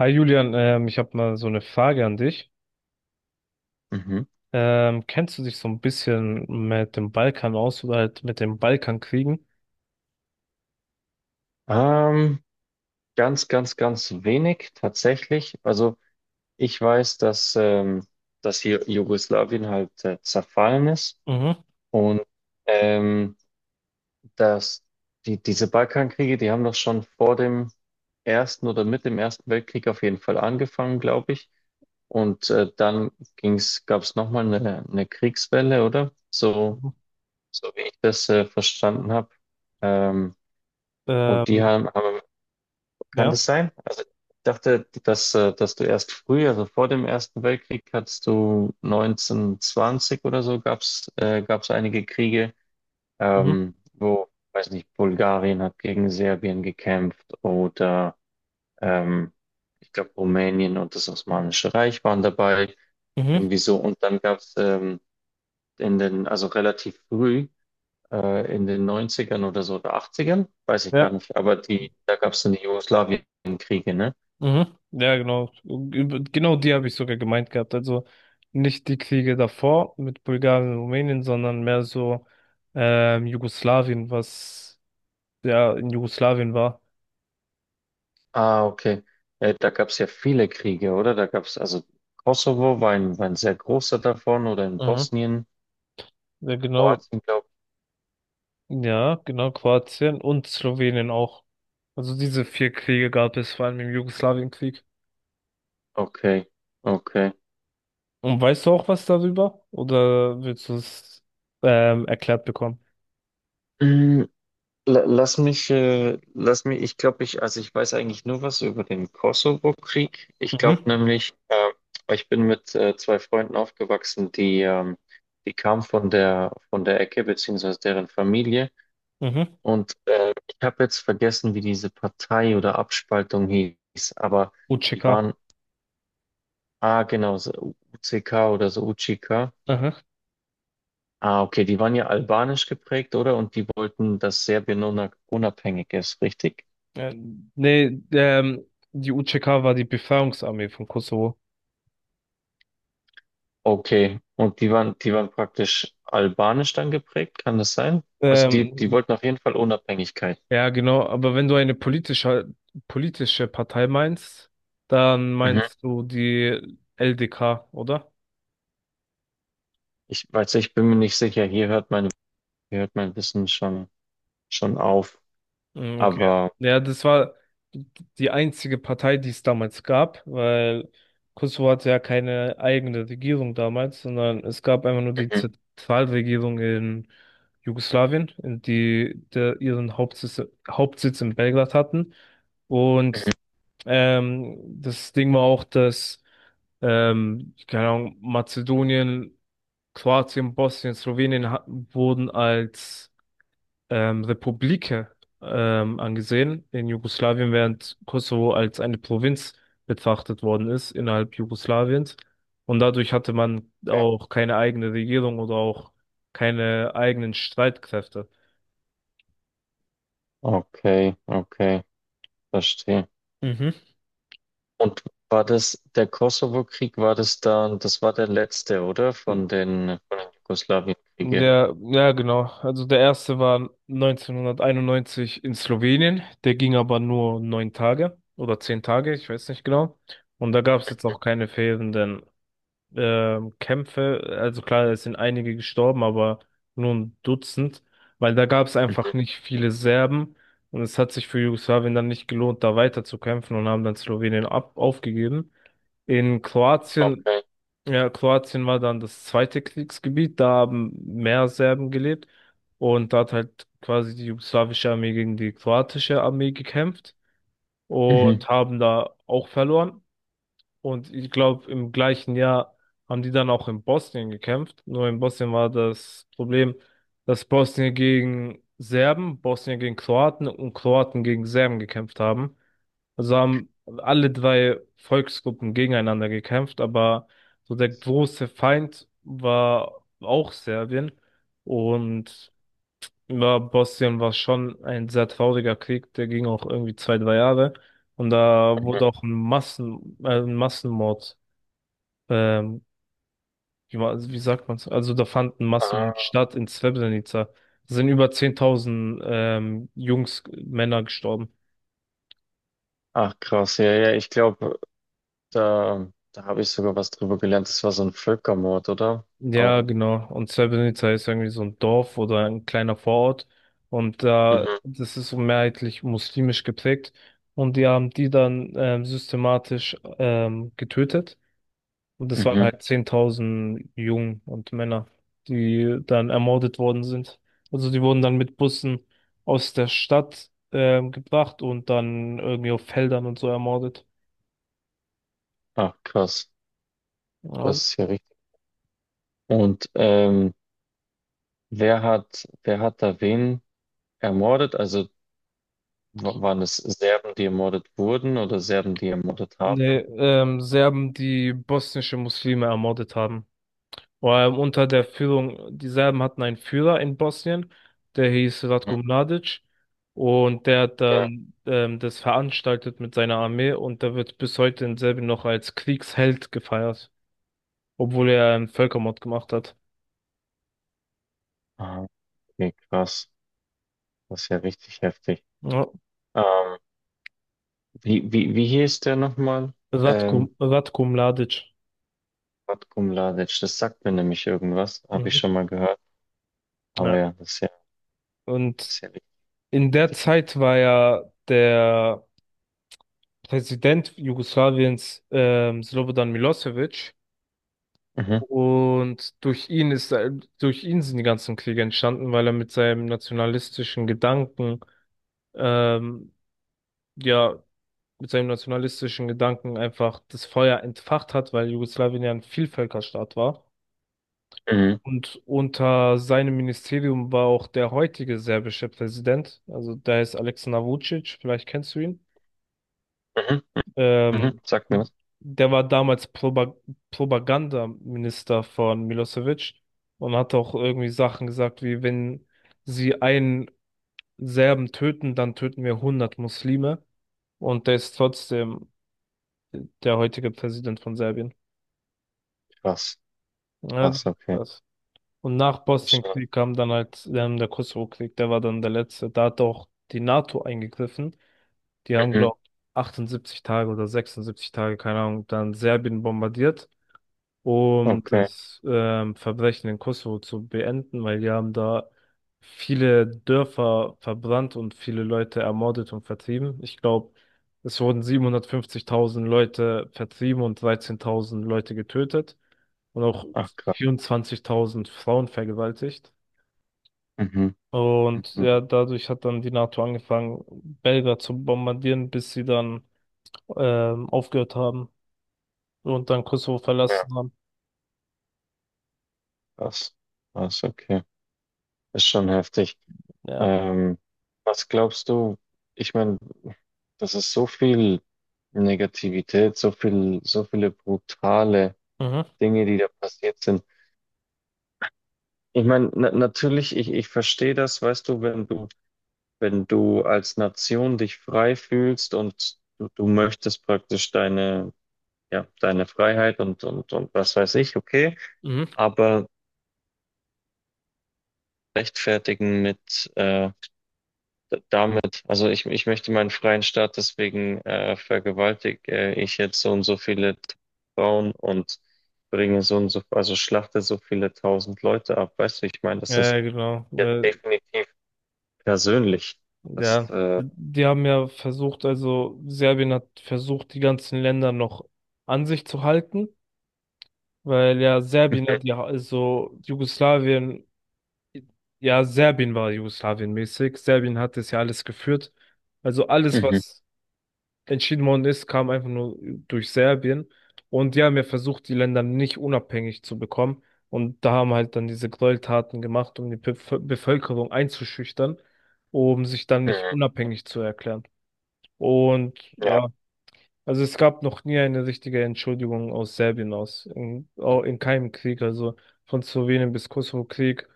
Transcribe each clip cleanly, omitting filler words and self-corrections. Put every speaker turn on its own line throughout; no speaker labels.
Hi Julian, ich habe mal so eine Frage an dich.
Mhm.
Kennst du dich so ein bisschen mit dem Balkan aus oder halt mit den Balkankriegen?
Ähm, ganz wenig tatsächlich. Also ich weiß, dass hier Jugoslawien halt zerfallen ist
Mhm.
und ähm, dass diese Balkankriege, die haben doch schon vor dem Ersten oder mit dem Ersten Weltkrieg auf jeden Fall angefangen, glaube ich. Und dann gab es nochmal eine Kriegswelle, oder? So,
Mhm.
so wie ich das verstanden habe. Ähm, und die
Ähm,
haben Kann
ja.
das sein? Also ich dachte, dass du erst früh, also vor dem Ersten Weltkrieg, hattest du 1920 oder so, gab's einige Kriege,
Mhm.
weiß nicht, Bulgarien hat gegen Serbien gekämpft oder ähm, ich glaube Rumänien und das Osmanische Reich waren dabei,
Mhm.
irgendwie so. Und dann gab's also relativ früh, in den neunzigern oder so oder achtzigern weiß ich gar
Ja.
nicht, aber die, da gab's dann die Jugoslawienkriege, ne?
Mhm. Ja, genau. Über- Genau die habe ich sogar gemeint gehabt. Also nicht die Kriege davor mit Bulgarien und Rumänien, sondern mehr so Jugoslawien, was ja in Jugoslawien war.
Ah, okay. Da gab es ja viele Kriege, oder? Da gab es also Kosovo war ein sehr großer davon oder in
Mhm.
Bosnien,
Ja, genau.
Kroatien, glaube
Ja, genau, Kroatien und Slowenien auch. Also diese vier Kriege gab es, vor allem im Jugoslawienkrieg.
ich. Okay, okay.
Und weißt du auch was darüber? Oder willst du es erklärt bekommen?
Mm, lass mich, also ich weiß eigentlich nur was über den Kosovo-Krieg. Ich glaube
Mhm,
nämlich, ich bin mit zwei Freunden aufgewachsen, die kamen von der Ecke, beziehungsweise deren Familie.
mhm.
Und ich habe jetzt vergessen, wie diese Partei oder Abspaltung hieß, aber die
UÇK.
waren, ah genau, so UCK oder so UCK.
Aha.
Ah, okay, die waren ja albanisch geprägt, oder? Und die wollten, dass Serbien unabhängig ist, richtig?
Äh, Nee, die UÇK war die Befreiungsarmee von Kosovo.
Okay, und die waren praktisch albanisch dann geprägt, kann das sein? Also die
Ähm,
wollten auf jeden Fall Unabhängigkeit.
ja, genau, aber wenn du eine politische Partei meinst, dann
Mhm.
meinst du die LDK, oder?
Ich weiß, ich bin mir nicht sicher. Hier hört mein Wissen schon auf.
Mm, okay.
Aber
Ja, das war die einzige Partei, die es damals gab, weil Kosovo hatte ja keine eigene Regierung damals, sondern es gab einfach nur die
mhm.
Zentralregierung in Jugoslawien, in die der ihren Hauptsitz in Belgrad hatten. Und ähm, das Ding war auch, dass keine Ahnung, Mazedonien, Kroatien, Bosnien, Slowenien wurden als Republike angesehen in Jugoslawien, während Kosovo als eine Provinz betrachtet worden ist innerhalb Jugoslawiens. Und dadurch hatte man auch keine eigene Regierung oder auch keine eigenen Streitkräfte.
Okay, okay. Verstehe.
Mhm.
Und war das der Kosovo-Krieg, das war der letzte, oder? Von den Jugoslawienkriege.
Der, ja, genau. Also der erste war 1991 in Slowenien. Der ging aber nur 9 Tage oder 10 Tage, ich weiß nicht genau. Und da gab es jetzt auch keine fehlenden Kämpfe, also klar, es sind einige gestorben, aber nur ein Dutzend, weil da gab es
Mhm.
einfach nicht viele Serben und es hat sich für Jugoslawien dann nicht gelohnt, da weiter zu kämpfen und haben dann Slowenien ab aufgegeben. In Kroatien,
Okay.
ja, Kroatien war dann das zweite Kriegsgebiet, da haben mehr Serben gelebt und da hat halt quasi die jugoslawische Armee gegen die kroatische Armee gekämpft
Mhm.
und haben da auch verloren. Und ich glaube, im gleichen Jahr haben die dann auch in Bosnien gekämpft. Nur in Bosnien war das Problem, dass Bosnien gegen Serben, Bosnien gegen Kroaten und Kroaten gegen Serben gekämpft haben. Also haben alle drei Volksgruppen gegeneinander gekämpft, aber so der große Feind war auch Serbien. Und ja, Bosnien war schon ein sehr trauriger Krieg, der ging auch irgendwie zwei, drei Jahre. Und da
Mhm.
wurde auch ein ein Massenmord, ähm, wie sagt man's? Also da fand ein Massenmord
Ah.
statt in Srebrenica. Da sind über 10.000 Jungs, Männer gestorben.
Ach, krass. Ja, ja, ich glaube, da habe ich sogar was drüber gelernt. Das war so ein Völkermord, oder? Auch.
Ja, genau. Und Srebrenica ist irgendwie so ein Dorf oder ein kleiner Vorort. Und da,
Mhm.
das ist so mehrheitlich muslimisch geprägt. Und die haben die dann systematisch getötet. Und das waren
Mhm.
halt 10.000 Jungen und Männer, die dann ermordet worden sind. Also die wurden dann mit Bussen aus der Stadt gebracht und dann irgendwie auf Feldern und so ermordet.
Ach, krass.
Ja,
Das ist ja richtig. Und wer hat da wen ermordet? Also waren es Serben, die ermordet wurden oder Serben, die ermordet
nee,
haben?
Serben, die bosnische Muslime ermordet haben. Unter der Führung, die Serben hatten einen Führer in Bosnien, der hieß
Mhm.
Ratko Mladic. Und der hat dann das veranstaltet mit seiner Armee und der wird bis heute in Serbien noch als Kriegsheld gefeiert. Obwohl er einen Völkermord gemacht hat.
Ja. Nee, krass. Das ist ja richtig heftig.
Ja.
Ähm, wie hieß der nochmal? Ähm,
Ratko Mladic.
Ratko Mladic. Das sagt mir nämlich irgendwas. Habe ich
Mhm.
schon mal gehört.
Ja.
Aber ja, das ist ja, das
Und
ist ja richtig
in der
heftig.
Zeit war ja der Präsident Jugoslawiens, Slobodan Milosevic.
Mhm,
Und durch ihn sind die ganzen Kriege entstanden, weil er mit seinem nationalistischen ähm, ja, mit seinem nationalistischen Gedanken einfach das Feuer entfacht hat, weil Jugoslawien ja ein Vielvölkerstaat war.
mhm,
Und unter seinem Ministerium war auch der heutige serbische Präsident, also der heißt Aleksandar Vučić, vielleicht kennst du ihn.
mhm, mhm.
Ähm,
Sagt mir was?
Der war damals Proba Propagandaminister von Milosevic und hat auch irgendwie Sachen gesagt, wie wenn sie einen Serben töten, dann töten wir 100 Muslime. Und der ist trotzdem der heutige Präsident von Serbien.
Krass.
Ja,
Krass, okay.
das, Und nach
Verstehe.
Bosnienkrieg kam dann halt der Kosovo-Krieg, der war dann der letzte. Da hat auch die NATO eingegriffen. Die haben,
Mhm.
glaube ich, 78 Tage oder 76 Tage, keine Ahnung, dann Serbien bombardiert, um
Okay.
das Verbrechen in Kosovo zu beenden, weil die haben da viele Dörfer verbrannt und viele Leute ermordet und vertrieben. Ich glaube, es wurden 750.000 Leute vertrieben und 13.000 Leute getötet und auch
Ach, krass.
24.000 Frauen vergewaltigt.
Mhm,
Und
mhm.
ja, dadurch hat dann die NATO angefangen, Belgrad zu bombardieren, bis sie dann aufgehört haben und dann Kosovo
Ja,
verlassen haben.
krass. Krass, okay. Ist schon heftig.
Ja.
Ähm, was glaubst du? Ich meine, das ist so viel Negativität, so viel, so viele brutale
Mhm.
Dinge, die da passiert sind. Ich meine, na natürlich, ich verstehe das, weißt du, wenn du, wenn du als Nation dich frei fühlst und du möchtest praktisch deine, ja, deine Freiheit und was weiß ich, okay,
Mhm.
aber rechtfertigen mit damit, also ich möchte meinen freien Staat, deswegen vergewaltige ich jetzt so und so viele Frauen und bringe so und so, also schlachte so viele tausend Leute ab. Weißt du, ich meine, das
Ja, ja,
ist
genau.
ja definitiv persönlich. Das,
Ja, die haben ja versucht, also Serbien hat versucht, die ganzen Länder noch an sich zu halten, weil ja Serbien
mhm,
hat ja, also Jugoslawien, ja, Serbien war Jugoslawien mäßig. Serbien hat das ja alles geführt. Also alles,
mhm,
was entschieden worden ist, kam einfach nur durch Serbien. Und die haben ja versucht, die Länder nicht unabhängig zu bekommen. Und da haben halt dann diese Gräueltaten gemacht, um die Bevölkerung einzuschüchtern, um sich dann nicht
mhm,
unabhängig zu erklären. Und
ja,
ja, also es gab noch nie eine richtige Entschuldigung aus Serbien aus, in, auch in keinem Krieg, also von Slowenien bis Kosovo-Krieg.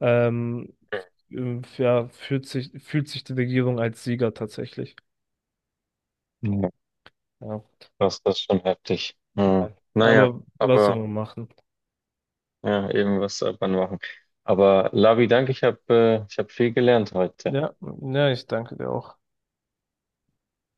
Ähm, ja, fühlt sich die Regierung als Sieger tatsächlich.
mhm, ja,
Ja.
das ist schon heftig. Mhm.
Ja.
Naja,
Aber was soll
aber
man machen?
ja, eben was soll man machen. Aber Lavi, danke, ich habe ich hab viel gelernt heute.
Ja, ja, ich danke dir auch.